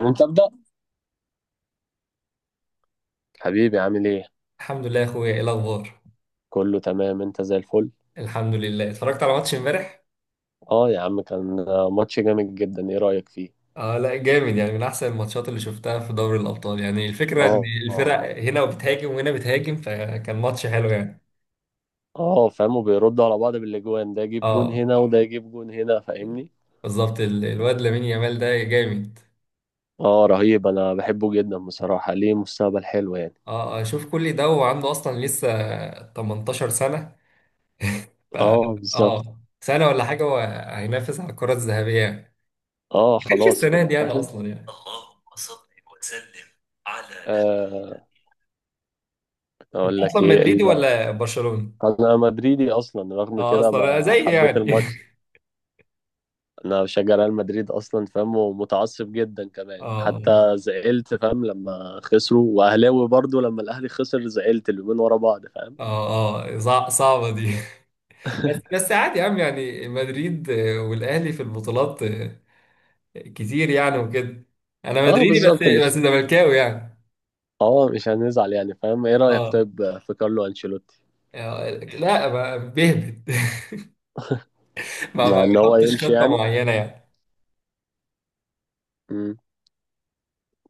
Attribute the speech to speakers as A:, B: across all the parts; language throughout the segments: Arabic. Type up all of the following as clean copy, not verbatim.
A: انت ابدا حبيبي، عامل ايه؟
B: الحمد لله يا اخويا، ايه الاخبار؟
A: كله تمام، انت زي الفل.
B: الحمد لله، اتفرجت على ماتش امبارح.
A: اه يا عم، كان ماتش جامد جدا. ايه رأيك فيه؟
B: اه لا جامد، يعني من احسن الماتشات اللي شفتها في دوري الابطال، يعني الفكره ان
A: اه اه،
B: الفرق هنا بتهاجم وهنا بتهاجم، فكان ماتش حلو يعني.
A: اه فاهم، وبيردوا على بعض بالاجوان، ده يجيب جون
B: اه
A: هنا وده يجيب جون هنا، فاهمني؟
B: بالظبط، الواد لامين يامال ده جامد.
A: اه رهيب، انا بحبه جدا بصراحة، ليه مستقبل حلو يعني.
B: اه، شوف كل ده وعنده اصلا لسه 18 سنه. ف
A: اه بالظبط.
B: اه سنه ولا حاجه، وهينافس على الكره الذهبيه يعني.
A: اه
B: ما كانش
A: خلاص
B: السنه
A: كده،
B: دي يعني،
A: فاهم.
B: اصلا يعني، اللهم صل وسلم على نبي.
A: آه.
B: انت
A: اقول لك
B: اصلا
A: ايه
B: مدريدي ولا برشلوني؟
A: انا مدريدي اصلا، رغم
B: اه
A: كده
B: اصلا زي
A: حبيت
B: يعني.
A: الماتش. انا بشجع ريال مدريد اصلا، فاهم، ومتعصب جدا كمان
B: اه
A: حتى، زعلت فاهم لما خسروا، واهلاوي برضو لما الاهلي خسر زعلت اليومين ورا بعض، فاهم.
B: اه اه، صعبة دي. بس بس عادي يا عم، يعني مدريد والاهلي في البطولات كتير يعني وكده. انا
A: اه
B: مدريدي بس
A: بالظبط.
B: بس
A: مش
B: زملكاوي يعني.
A: اه مش هنزعل يعني، فاهم. ايه رايك
B: اه
A: طيب في كارلو انشيلوتي؟
B: لا بيهبط. ما
A: مع ان هو
B: بيحطش
A: يمشي
B: خطة
A: يعني.
B: معينة يعني.
A: امم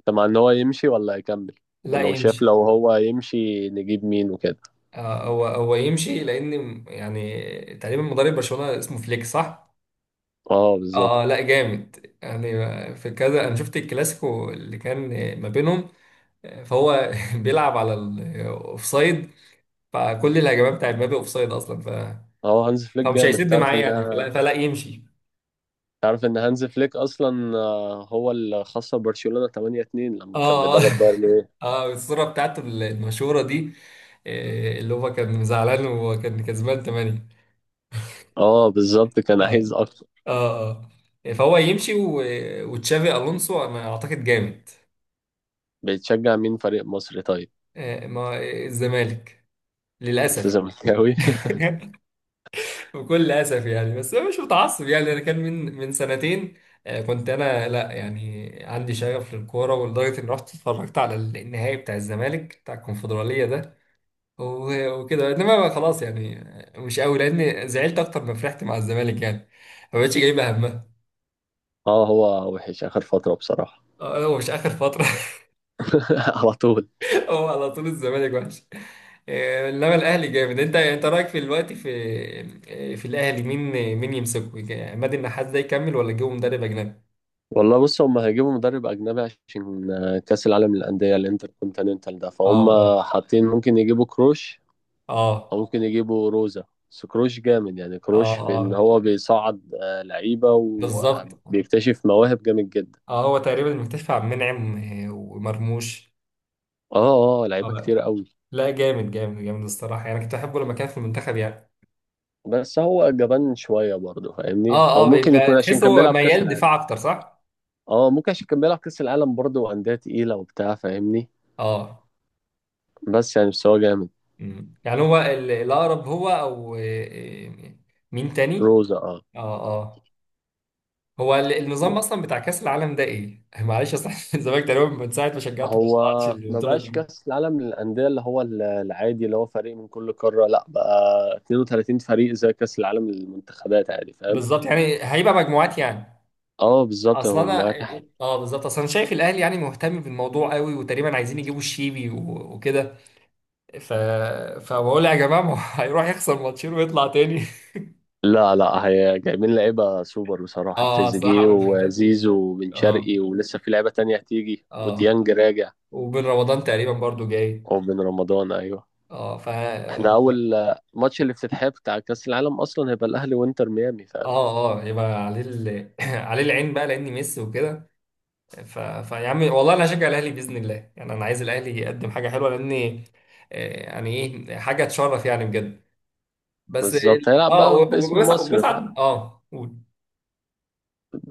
A: انت مع ان هو يمشي ولا يكمل؟
B: لا
A: ولو شاف،
B: يمشي.
A: لو هو يمشي نجيب مين وكده.
B: آه هو هو يمشي، لان يعني تقريبا مدرب برشلونة اسمه فليك، صح؟
A: اه بالظبط.
B: اه لا جامد، يعني في كذا انا شفت الكلاسيكو اللي كان ما بينهم. فهو بيلعب على الاوفسايد، فكل الهجمات بتاعت مبابي اوفسايد اصلا، ف،
A: اه هانز فليك
B: فمش
A: جامد،
B: هيسد معاه يعني، فلا, فلا يمشي.
A: تعرف ان هانز فليك اصلا هو اللي خسر برشلونة 8-2 لما كان
B: اه اه.
A: بيدرب بايرن.
B: اه الصورة بتاعته المشهورة دي، اللي هو كان زعلان وكان كسبان 8.
A: اه بالظبط، كان
B: اه
A: عايز اكتر.
B: اه اه، فهو يمشي، وتشافي الونسو انا اعتقد جامد.
A: بتشجع مين فريق مصر طيب؟
B: آه، ما الزمالك،
A: انت
B: للاسف.
A: زملكاوي.
B: بكل اسف يعني، بس انا مش متعصب يعني. انا كان من سنتين، كنت انا لا يعني عندي شغف للكوره، ولدرجه اني رحت اتفرجت على النهائي بتاع الزمالك بتاع الكونفدراليه ده. وكده، انما بقى خلاص يعني، مش قوي، لان زعلت اكتر ما فرحت مع الزمالك يعني. ما بقتش جايبه همها.
A: اه هو وحش اخر فتره بصراحه.
B: هو مش اخر فتره.
A: على طول.
B: هو على طول الزمالك وحش، انما الاهلي جامد. انت رايك في الوقت في الاهلي مين؟ مين يمسكه، عماد النحاس ده يكمل، ولا يجيبه مدرب اجنبي؟
A: والله بص، هم هيجيبوا مدرب اجنبي عشان كاس العالم للانديه الانتركونتيننتال ده، فهم
B: اه
A: حاطين ممكن يجيبوا كروش
B: اه
A: او ممكن يجيبوا روزا. بس كروش جامد يعني،
B: اه
A: كروش في ان
B: اه،
A: هو بيصعد لعيبه
B: بالظبط.
A: وبيكتشف مواهب جامد جدا.
B: اه هو تقريبا مكتشف عبد المنعم ومرموش.
A: اه اه، لعيبه
B: اه
A: كتير قوي.
B: لا جامد جامد جامد الصراحه، يعني كنت احبه لما كان في المنتخب يعني.
A: بس هو جبان شويه برضه، فاهمني،
B: اه
A: او
B: اه،
A: ممكن
B: بيبقى
A: يكون عشان
B: تحس
A: كان
B: هو
A: بيلعب كاس
B: ميال
A: العالم.
B: دفاع اكتر، صح؟
A: اه ممكن عشان كان بيلعب كأس العالم برضه، وأندية تقيلة وبتاع، فاهمني.
B: اه
A: بس يعني بس هو جامد.
B: مم، يعني هو الاقرب هو او آه، آه، مين تاني؟
A: روزا اه.
B: اه اه، هو النظام اصلا بتاع كاس العالم ده ايه؟ معلش اصل، الزمالك تقريبا من ساعه ما شجعته ما
A: هو
B: طلعتش
A: ما
B: البطوله
A: بقاش
B: دي.
A: كأس العالم للأندية اللي هو العادي، اللي هو فريق من كل قارة، لا بقى 32 فريق زي كأس العالم للمنتخبات عادي، فاهم.
B: بالظبط، يعني هيبقى مجموعات يعني.
A: اه بالظبط
B: اصل انا،
A: المجموعات.
B: اه بالظبط اصل انا شايف الاهلي يعني مهتم بالموضوع قوي، وتقريبا عايزين يجيبوا الشيبي وكده، ف، فبقول يا جماعه ما هو هيروح يخسر ماتشين ويطلع تاني.
A: لا لا، هي جايبين لعيبة سوبر بصراحة،
B: اه
A: تريزيجيه
B: الصراحه ما شفتها.
A: وزيزو وبن شرقي،
B: اه
A: ولسه في لعيبة تانية هتيجي،
B: اه.
A: وديانج راجع.
B: وبن رمضان تقريبا برضو جاي.
A: وبن رمضان أيوه.
B: اه ف اه
A: احنا اول ماتش الافتتاحية بتاع كأس العالم اصلا هيبقى الاهلي وانتر ميامي، فاهم.
B: اه يبقى عليه عليه العين بقى لاني ميسي وكده. فيا عم والله انا هشجع الاهلي باذن الله يعني. انا عايز الاهلي يقدم حاجه حلوه، لاني يعني ايه حاجه تشرف يعني بجد. بس
A: بالظبط، هيلعب بقى باسم
B: وبيصعد
A: مصر، فاهم.
B: وبيصعد اه قول.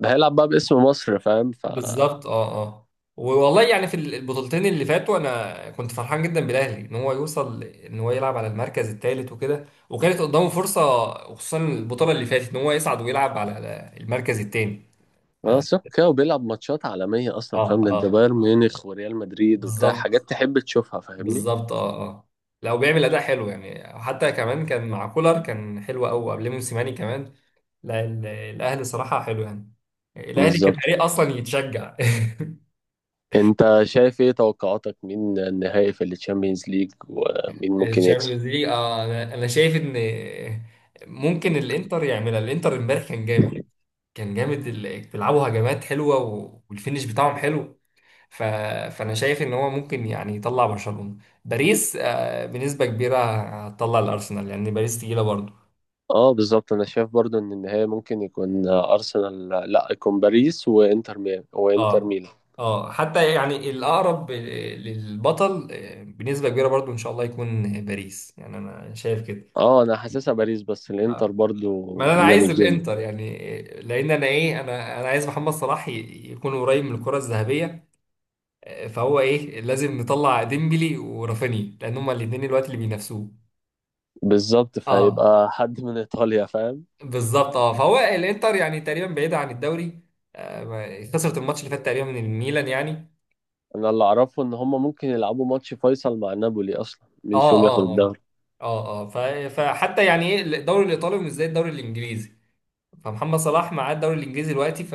A: هيلعب بقى باسم مصر، فاهم.
B: بالظبط اه اه. والله يعني في البطولتين اللي فاتوا، انا كنت فرحان جدا بالاهلي ان هو يوصل، ان هو يلعب على المركز الثالث وكده، وكانت قدامه فرصه. وخصوصا البطوله اللي فاتت ان هو يصعد ويلعب على المركز الثاني.
A: وانا
B: اه
A: صح كده، وبيلعب ماتشات عالمية اصلا، فاهم، ضد
B: اه
A: بايرن ميونخ وريال مدريد وبتاع،
B: بالظبط
A: حاجات تحب تشوفها، فاهمني.
B: بالظبط اه اه لو بيعمل اداء حلو يعني. حتى كمان كان مع كولر كان حلو قوي قبل موسيماني كمان. لا الاهلي صراحه حلو يعني. الاهلي
A: بالظبط.
B: كفريق اصلا يتشجع.
A: انت شايف ايه توقعاتك؟ مين النهائي في التشامبيونز ليج ومين ممكن يكسب؟
B: الشامبيونز ليج اه، أنا شايف ان ممكن الانتر يعملها. الانتر امبارح كان جامد، كان جامد، بيلعبوا هجمات حلوه والفينش بتاعهم حلو، ف، فانا شايف ان هو ممكن يعني يطلع برشلونه. باريس بنسبه كبيره هتطلع الارسنال، لان يعني باريس تقيله برضه.
A: اه بالظبط، انا شايف برضو ان النهائي ممكن يكون ارسنال، لا، يكون باريس، وانتر ميامي وانتر
B: اه
A: ميلان.
B: اه، حتى يعني الاقرب للبطل بنسبه كبيره برضه، ان شاء الله يكون باريس يعني، انا شايف كده.
A: اه انا حاسسها باريس، بس الانتر
B: آه.
A: برضو
B: ما انا عايز
A: جامد جدا.
B: الانتر يعني، لان انا ايه انا انا عايز محمد صلاح يكون قريب من الكره الذهبيه. فهو ايه لازم نطلع ديمبلي ورافينيا، لان هما الاثنين الوقت اللي بينافسوه.
A: بالظبط،
B: اه
A: فهيبقى حد من ايطاليا، فاهم.
B: بالظبط اه، فهو الانتر يعني تقريبا بعيده عن الدوري، خسرت الماتش اللي فات تقريبا من الميلان يعني.
A: انا اللي اعرفه ان هم ممكن يلعبوا ماتش فيصل مع نابولي اصلا مين
B: اه
A: فيهم ياخد
B: اه اه
A: الدوري.
B: اه اه، فحتى يعني ايه الدوري الايطالي مش زي الدوري الانجليزي. فمحمد صلاح معاه الدوري الانجليزي دلوقتي، ف،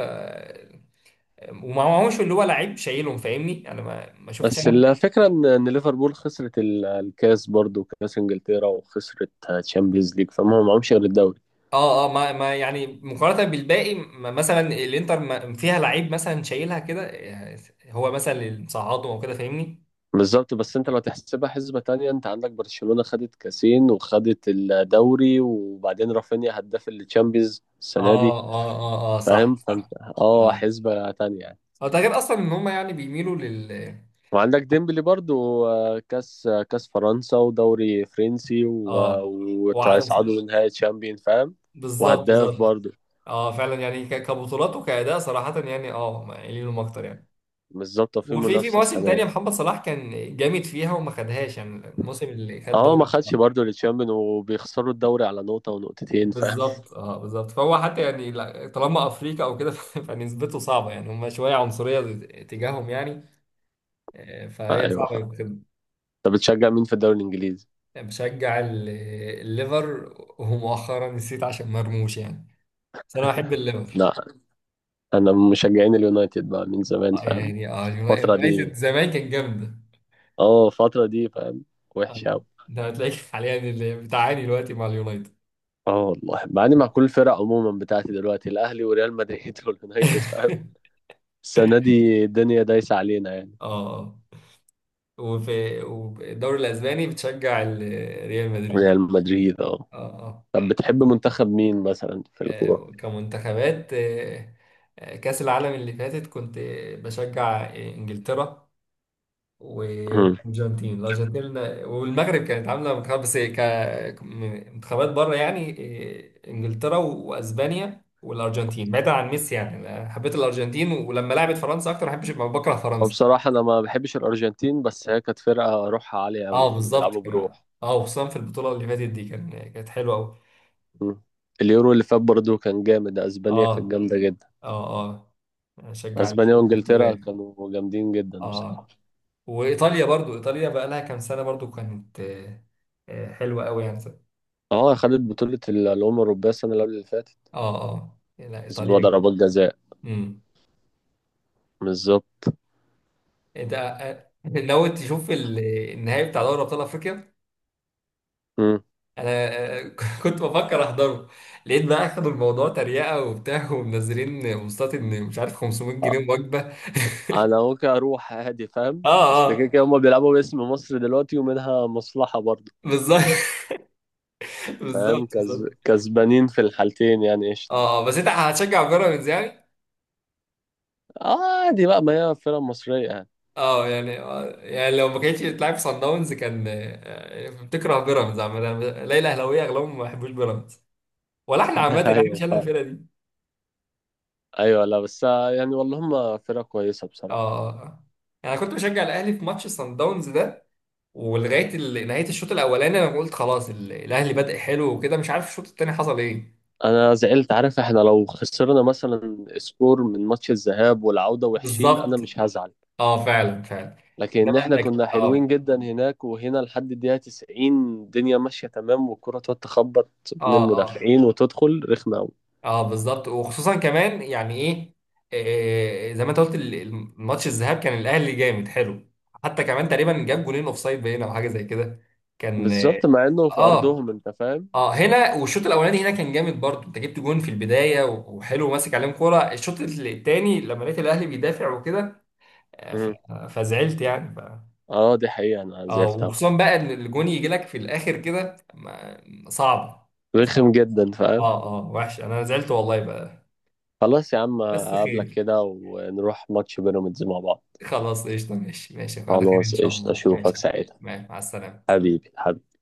B: ومعهوش اللي هو لعيب شايلهم فاهمني. انا ما شفتش.
A: بس الفكره ان ليفربول خسرت الكاس برضو، كاس انجلترا، وخسرت تشامبيونز ليج، فهم ما معهمش غير الدوري.
B: اه اه، ما يعني مقارنة بالباقي، ما مثلا الانتر ما فيها لعيب مثلا شايلها كده، هو مثلا اللي مصعدهم او كده فاهمني.
A: بالظبط، بس انت لو تحسبها حسبه تانية، انت عندك برشلونه خدت كاسين وخدت الدوري، وبعدين رافينيا هداف التشامبيونز السنه دي،
B: اه اه اه اه صح
A: فاهم، فانت،
B: صح.
A: اه،
B: اه
A: حسبه تانية.
B: اه، ده غير اصلا ان هم يعني بيميلوا
A: وعندك ديمبلي برضو، كاس فرنسا ودوري فرنسي
B: اه وع...
A: وهيصعدوا لنهائي تشامبيون، فاهم.
B: بالظبط
A: وهداف
B: بالظبط.
A: برضو.
B: اه فعلا يعني كبطولات وكأداء، صراحة يعني، اه قايلينهم اكتر يعني.
A: مش ظابطة في
B: وفي
A: منافسة
B: مواسم
A: السنة
B: تانية
A: دي.
B: محمد صلاح كان جامد فيها، وما خدهاش يعني الموسم اللي خد
A: اه ما
B: دوري.
A: خدش برضو التشامبيون، وبيخسروا الدوري على نقطة ونقطتين، فاهم.
B: بالظبط اه بالظبط، فهو حتى يعني طالما افريقيا او كده فنسبته صعبه يعني. هم شويه عنصريه تجاههم يعني
A: آه،
B: فهي
A: ايوه
B: صعبه
A: فاهم.
B: يتخدم.
A: انت بتشجع مين في الدوري الانجليزي؟
B: بشجع الليفر، ومؤخرا نسيت عشان مرموش يعني. بس انا بحب الليفر.
A: لا، انا من مشجعين اليونايتد بقى من زمان، فاهم.
B: يعني اه
A: الفترة
B: اليونايتد
A: دي،
B: زمان كان جامده.
A: اه الفترة دي، فاهم، وحشة
B: آه،
A: اوي.
B: ده هتلاقيك حاليا اللي بتعاني دلوقتي مع اليونايتد.
A: اه والله بعاني مع كل الفرق عموما بتاعتي دلوقتي، الاهلي وريال مدريد واليونايتد، فاهم. السنة دي الدنيا دايسة علينا يعني.
B: اه والدوري الاسباني بتشجع ريال مدريد.
A: ريال مدريد اه.
B: اه آه.
A: طب بتحب منتخب مين مثلا في الكورة؟
B: كمنتخبات كأس العالم اللي فاتت كنت بشجع إنجلترا و-
A: مم.
B: الأرجنتين والمغرب. كانت عاملة منتخب، بس منتخبات بره يعني. إنجلترا وأسبانيا والأرجنتين، بعيدا عن ميسي يعني. أنا حبيت الأرجنتين، ولما لعبت فرنسا أكتر ما بحبش، بكره فرنسا.
A: وبصراحة أنا ما بحبش الأرجنتين، بس هي كانت فرقة روحها عالية
B: أه
A: أوي، كانوا
B: بالظبط
A: بيلعبوا
B: كده،
A: بروح.
B: أه وخصوصا في البطولة اللي فاتت دي، كانت حلوة أوي.
A: مم. اليورو اللي فات برضه كان جامد، أسبانيا كانت
B: أه
A: جامدة جدا.
B: أه أه أشجع
A: أسبانيا وإنجلترا
B: البرتغال.
A: كانوا جامدين جدا بصراحة.
B: اه وايطاليا برضو، ايطاليا بقى لها كام سنه برضو كانت حلوه قوي يعني.
A: اه خدت بطولة الأمم الأوروبية السنة اللي قبل اللي فاتت،
B: اه اه لا
A: كسبوها
B: ايطاليا.
A: ضربات جزاء.
B: امم.
A: بالظبط.
B: انت ناوي تشوف النهائي بتاع دوري ابطال افريقيا؟
A: مم.
B: انا آه، كنت بفكر احضره. لقيت بقى اخدوا الموضوع تريقه وبتاع، ومنزلين بوستات ان مش عارف 500
A: آه،
B: جنيه وجبه.
A: انا ممكن اروح عادي، فاهم،
B: اه
A: اصل كده
B: اه
A: كده هما بيلعبوا باسم مصر دلوقتي، ومنها مصلحة برضه،
B: بالظبط، بالظبط
A: فاهم.
B: بالظبط.
A: كسبانين في الحالتين يعني،
B: اه
A: قشطة.
B: بس انت هتشجع بيراميدز يعني.
A: عادي بقى، ما هي فرق مصرية يعني.
B: اه يعني يعني لو ما كانتش بتلعب في صن داونز، كان بتكره بيراميدز عامة. ليلى اهلاويه اغلبهم ما بيحبوش بيراميدز، ولا احنا عامة احنا
A: ايوه
B: مش شلنا
A: فاهم.
B: الفرقة دي.
A: ايوه، لا، بس يعني والله هم فرقة كويسة
B: اه
A: بصراحة.
B: اه آه. يعني انا كنت بشجع الاهلي في ماتش صن داونز ده، ولغاية نهاية الشوط الاولاني انا قلت خلاص الاهلي بدأ حلو وكده، مش عارف الشوط التاني حصل ايه.
A: انا زعلت، عارف، احنا لو خسرنا مثلا سكور من ماتش الذهاب والعودة وحشين انا
B: بالظبط
A: مش هزعل،
B: اه فعلا فعلا. انما
A: لكن احنا
B: انك
A: كنا حلوين
B: اه.
A: جدا هناك وهنا لحد الدقيقة 90، الدنيا ماشية تمام والكرة تقعد تخبط بين
B: اه آه.
A: المدافعين وتدخل رخمة أوي.
B: اه بالظبط، وخصوصا كمان يعني ايه زي ما انت قلت، الماتش الذهاب كان الاهلي جامد حلو. حتى كمان تقريبا جاب جولين اوف سايد باين او حاجه زي كده. كان اه
A: بالظبط، مع انه في
B: اه
A: ارضهم، انت فاهم.
B: هنا والشوط الاولاني هنا كان جامد برضه. انت جبت جون في البدايه وحلو ماسك عليهم كوره، الشوط الثاني لما لقيت الاهلي بيدافع وكده، آه، ف-
A: مم.
B: فزعلت يعني، ف.
A: اه دي حقيقة، انا
B: اه
A: زعلت أوي.
B: وخصوصا بقى ان الجون يجي لك في الاخر كده، صعب. صعب.
A: رخم جدا، فاهم.
B: اه اه وحش، انا زعلت والله بقى.
A: خلاص يا عم،
B: بس
A: اقابلك
B: خير.
A: كده ونروح ماتش بيراميدز مع بعض.
B: خلاص قشطة، ماشي ماشي على خير إن
A: خلاص
B: شاء
A: قشطة،
B: الله. ماشي
A: اشوفك
B: يا عم.
A: ساعتها.
B: مع السلامة.
A: حبيبي حبيبي.